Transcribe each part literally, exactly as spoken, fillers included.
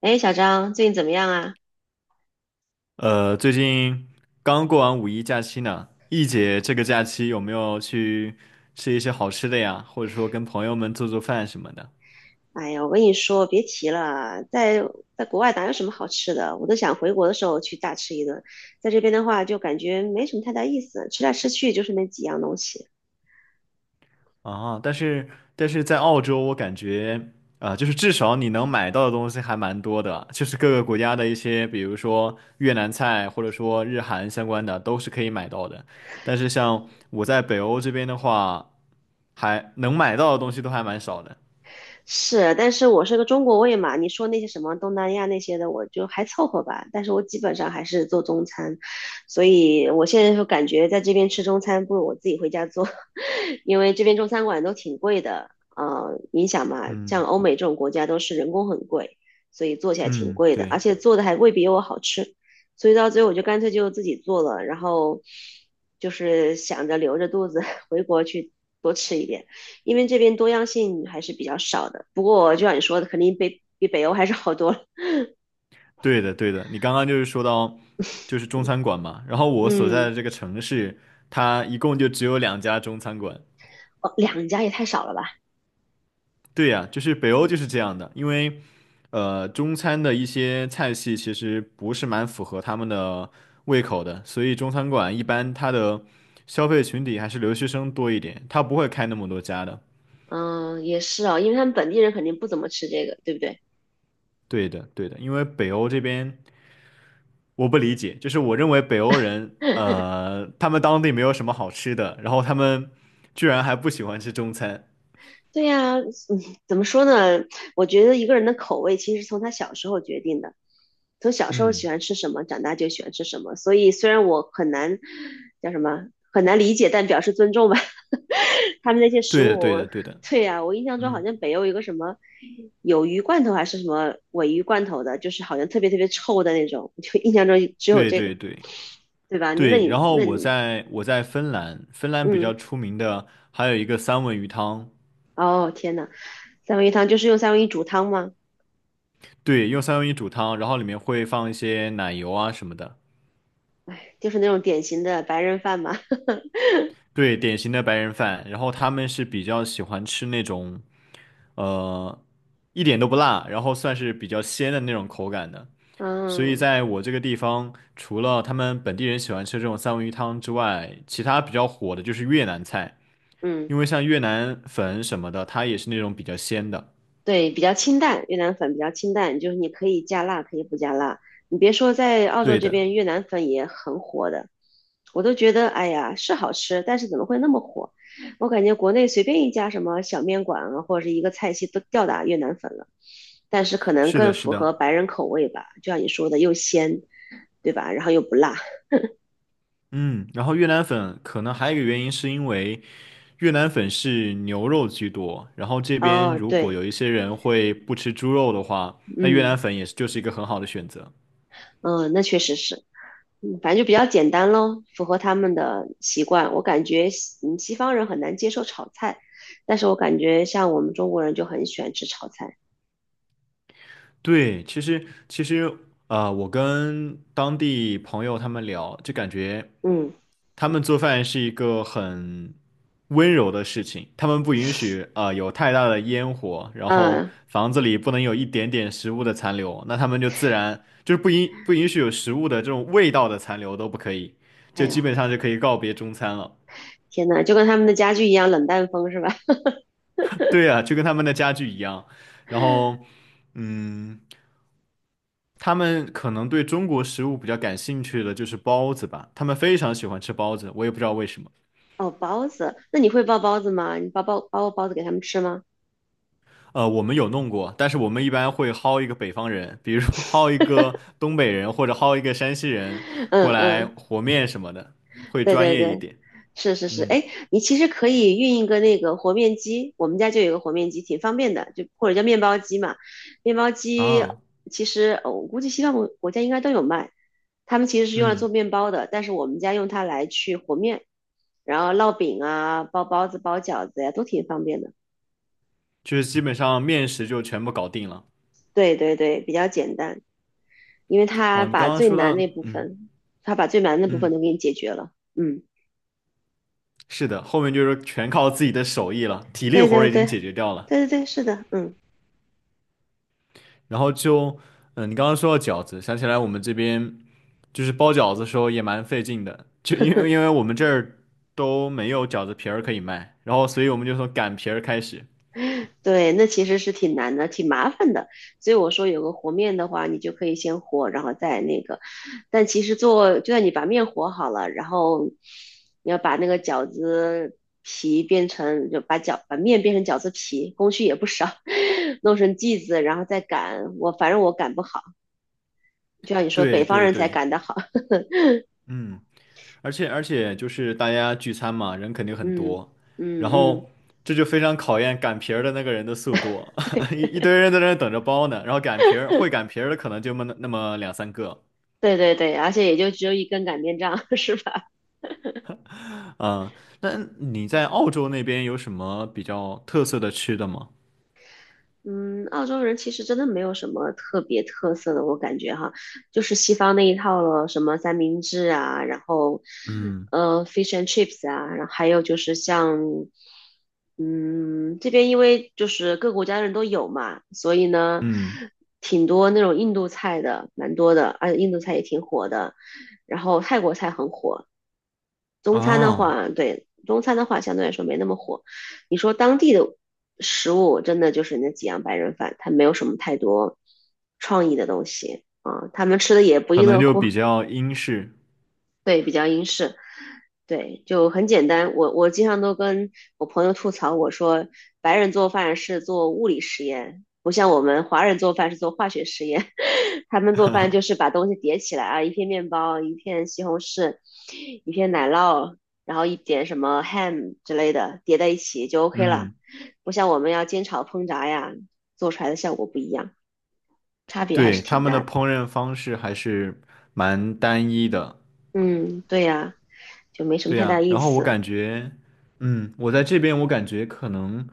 哎，小张，最近怎么样啊？呃，最近刚过完五一假期呢，易姐这个假期有没有去吃一些好吃的呀？或者说跟朋友们做做饭什么的？哎呀，我跟你说，别提了，在在国外哪有什么好吃的，我都想回国的时候去大吃一顿。在这边的话，就感觉没什么太大意思，吃来吃去就是那几样东西。啊，但是但是在澳洲，我感觉啊、就是至少你能买到的东西还蛮多的，就是各个国家的一些，比如说越南菜或者说日韩相关的，都是可以买到的。但是像我在北欧这边的话，还能买到的东西都还蛮少的。是，但是我是个中国胃嘛，你说那些什么东南亚那些的，我就还凑合吧。但是我基本上还是做中餐，所以我现在就感觉在这边吃中餐，不如我自己回家做，因为这边中餐馆都挺贵的。呃，你想嘛，像嗯欧美这种国家都是人工很贵，所以做起来挺嗯，贵的，而对。且做的还未必有我好吃，所以到最后我就干脆就自己做了，然后就是想着留着肚子 回国去多吃一点。因为这边多样性还是比较少的。不过就像你说的，肯定比比北欧还是好多了。对的，对的，你刚刚就是说到，就是中餐馆嘛，然后我所在嗯，的这个城市，它一共就只有两家中餐馆。哦，两家也太少了吧？对呀，就是北欧就是这样的，因为，呃，中餐的一些菜系其实不是蛮符合他们的胃口的，所以中餐馆一般它的消费群体还是留学生多一点，它不会开那么多家的。嗯，也是哦，因为他们本地人肯定不怎么吃这个，对不对？对的，对的，因为北欧这边我不理解，就是我认为北欧人，呃，他们当地没有什么好吃的，然后他们居然还不喜欢吃中餐。对呀，嗯，怎么说呢？我觉得一个人的口味其实从他小时候决定的，从小时候喜嗯，欢吃什么，长大就喜欢吃什么。所以虽然我很难叫什么很难理解，但表示尊重吧。他们那些食对的，对物，的，对的，对呀，我印象中好嗯，像北欧有个什么有鱼罐头还是什么尾鱼罐头的，就是好像特别特别臭的那种，就印象中只有对这个，对对对吧？那对。你然后那我你在我在芬兰，芬兰比嗯，较出名的还有一个三文鱼汤，哦天呐，三文鱼汤就是用三文鱼煮汤吗？对，用三文鱼煮汤，然后里面会放一些奶油啊什么的，哎，就是那种典型的白人饭嘛。对，典型的白人饭。然后他们是比较喜欢吃那种，呃，一点都不辣，然后算是比较鲜的那种口感的。所以嗯在我这个地方，除了他们本地人喜欢吃这种三文鱼汤之外，其他比较火的就是越南菜，嗯，因为像越南粉什么的，它也是那种比较鲜的。对，比较清淡，越南粉比较清淡，就是你可以加辣，可以不加辣。你别说，在澳洲对这的，边越南粉也很火的，我都觉得，哎呀，是好吃，但是怎么会那么火？我感觉国内随便一家什么小面馆啊，或者是一个菜系都吊打越南粉了，但是可能是的，更是符的，合白人口味吧，就像你说的，又鲜，对吧？然后又不辣。嗯，然后越南粉可能还有一个原因是因为越南粉是牛肉居多，然后这边哦，如果对，有一些人会不吃猪肉的话，那越南嗯粉也是就是一个很好的选择。嗯，那确实是。嗯，反正就比较简单咯，符合他们的习惯。我感觉西嗯西方人很难接受炒菜，但是我感觉像我们中国人就很喜欢吃炒菜。对，其实其实呃，我跟当地朋友他们聊，就感觉。嗯他们做饭是一个很温柔的事情，他们不允许啊有太大的烟火，然后啊，房子里不能有一点点食物的残留，那他们就自然就是不允不允许有食物的这种味道的残留都不可以，就哎呦，基本上就可以告别中餐了。天呐，就跟他们的家具一样冷淡风是吧？对啊，就跟他们的家具一样，然后嗯。他们可能对中国食物比较感兴趣的就是包子吧，他们非常喜欢吃包子，我也不知道为什么。哦，包子，那你会包包子吗？你包包包过包子给他们吃吗？呃，我们有弄过，但是我们一般会薅一个北方人，比如说 薅一个东北人或者薅一个山西人嗯过来嗯，和面什么的，会对专对业一对。点。是是是，嗯哎，你其实可以运一个那个和面机，我们家就有一个和面机，挺方便的，就或者叫面包机嘛。面包机啊，其实呃我估计西方国国家应该都有卖，他们其实是用来做嗯，面包的，但是我们家用它来去和面，然后烙饼啊、包包子、包饺子呀，都挺方便的。就是基本上面食就全部搞定了。对对对，比较简单，因为它哦，你把刚刚最说难到，那部嗯分，它把最难的部分都嗯，给你解决了。嗯，是的，后面就是全靠自己的手艺了，体力对活对儿已经对，解决掉了。对对对，是的，嗯。然后就，嗯，你刚刚说到饺子，想起来我们这边就是包饺子的时候也蛮费劲的，就因为因为我们这儿都没有饺子皮儿可以卖，然后所以我们就从擀皮儿开始。对，那其实是挺难的，挺麻烦的。所以我说有个和面的话，你就可以先和，然后再那个。但其实做，就算你把面和好了，然后你要把那个饺子皮变成，就把饺把面变成饺子皮，工序也不少，弄成剂子，然后再擀。我反正我擀不好，就像你说，北对方对人才对，擀得好。嗯，而且而且就是大家聚餐嘛，人肯定很嗯多，然嗯嗯，后这就非常考验擀皮儿的那个人的速度，对 一一对堆人在那儿等着包呢，然后擀皮儿会擀皮儿的可能就那么那么两三个，对对对，而且也就只有一根擀面杖，是吧？嗯，那你在澳洲那边有什么比较特色的吃的吗？嗯，澳洲人其实真的没有什么特别特色的，我感觉哈，就是西方那一套了，什么三明治啊，然后嗯呃，fish and chips 啊，然后还有就是像，嗯，这边因为就是各国家的人都有嘛，所以呢，嗯挺多那种印度菜的，蛮多的，而且印度菜也挺火的，然后泰国菜很火，中餐的啊。话，对，中餐的话相对来说没那么火。你说当地的食物，真的就是那几样白人饭，它没有什么太多创意的东西啊，他们吃的也不可亦能乐就乎，比较英式，对，比较英式。对，就很简单。我我经常都跟我朋友吐槽，我说白人做饭是做物理实验，不像我们华人做饭是做化学实验。他们做饭就是把东西叠起来啊，一片面包，一片西红柿，一片奶酪，然后一点什么 ham 之类的叠在一起就 OK 了。嗯，不像我们要煎炒烹炸呀，做出来的效果不一样，差别还是对，他挺们的大的。烹饪方式还是蛮单一的，嗯，对呀，就没什么对太大呀。意然后我思。感觉，嗯，我在这边我感觉可能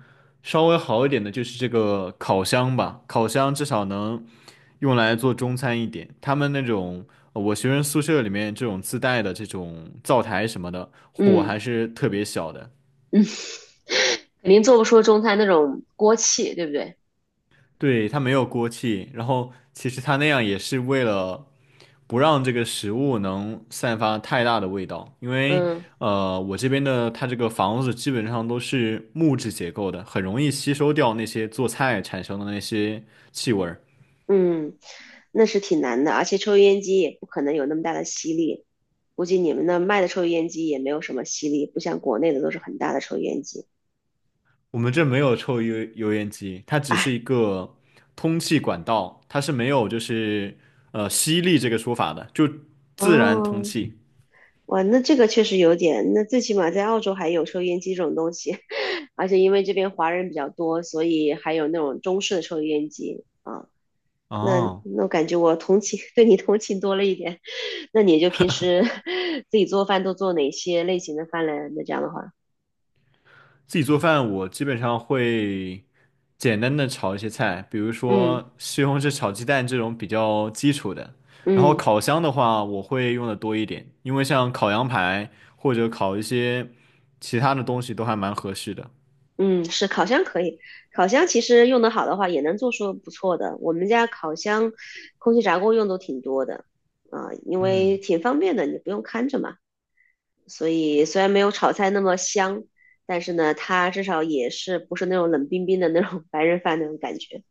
稍微好一点的就是这个烤箱吧，烤箱至少能用来做中餐一点。他们那种呃我学生宿舍里面这种自带的这种灶台什么的，火嗯。还是特别小的，肯定做不出中餐那种锅气，对不对？对，它没有锅气，然后其实它那样也是为了。不让这个食物能散发太大的味道，因为嗯呃，我这边的它这个房子基本上都是木质结构的，很容易吸收掉那些做菜产生的那些气味儿。嗯，那是挺难的，而且抽油烟机也不可能有那么大的吸力，估计你们那卖的抽油烟机也没有什么吸力，不像国内的都是很大的抽油烟机。我们这没有抽油油烟机，它只是哎，一个通气管道，它是没有就是呃吸力这个说法的，就自然通哦，气。哇，那这个确实有点，那最起码在澳洲还有抽油烟机这种东西，而且因为这边华人比较多，所以还有那种中式的抽油烟机啊。那哦那我感觉我同情，对你同情多了一点。那你就平时 自己做饭都做哪些类型的饭嘞？那这样的话，自己做饭，我基本上会简单的炒一些菜，比如嗯说西红柿炒鸡蛋这种比较基础的。然后嗯烤箱的话，我会用的多一点，因为像烤羊排或者烤一些其他的东西都还蛮合适的。嗯，是烤箱可以，烤箱其实用得好的话也能做出不错的。我们家烤箱、空气炸锅用都挺多的啊、因为嗯，挺方便的，你不用看着嘛。所以虽然没有炒菜那么香，但是呢，它至少也是不是那种冷冰冰的那种白人饭那种感觉。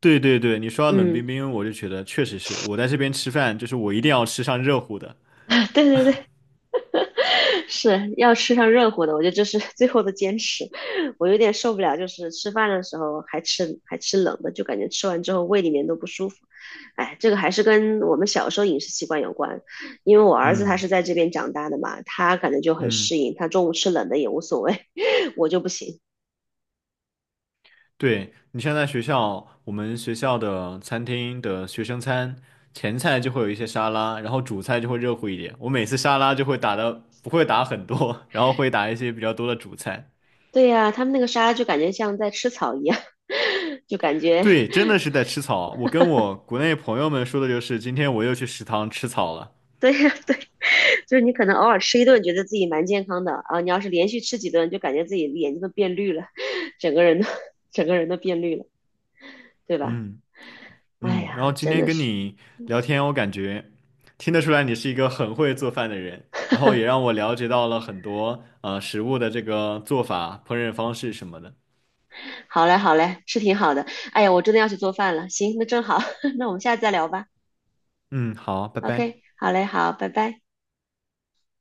对对对，你说到冷嗯，冰冰，我就觉得确实是我在这边吃饭，就是我一定要吃上热乎的。对对对，是要吃上热乎的，我觉得这是 最后的坚持。我有点受不了，就是吃饭的时候还吃还吃冷的，就感觉吃完之后胃里面都不舒服。哎，这个还是跟我们小时候饮食习惯有关，因为我儿子他嗯是在这边长大的嘛，他感觉就很嗯。适应，他中午吃冷的也无所谓，我就不行。对，你像在学校，我们学校的餐厅的学生餐，前菜就会有一些沙拉，然后主菜就会热乎一点。我每次沙拉就会打的不会打很多，然后会打一些比较多的主菜。对呀，他们那个沙拉就感觉像在吃草一样，就感觉 对，真的是在吃草。我跟我国内朋友们说的就是，今天我又去食堂吃草了。对呀，对，就是你可能偶尔吃一顿，觉得自己蛮健康的啊。你要是连续吃几顿，就感觉自己眼睛都变绿了，整个人都 整个人都变绿了，对吧？嗯哎嗯，然后呀，今真天的跟是，你聊天，我感觉听得出来你是一个很会做饭的人，然后也 让我了解到了很多呃食物的这个做法、烹饪方式什么的。好嘞，好嘞，是挺好的。哎呀，我真的要去做饭了。行，那正好，那我们下次再聊吧。嗯，好，拜拜。OK，好嘞，好，拜拜。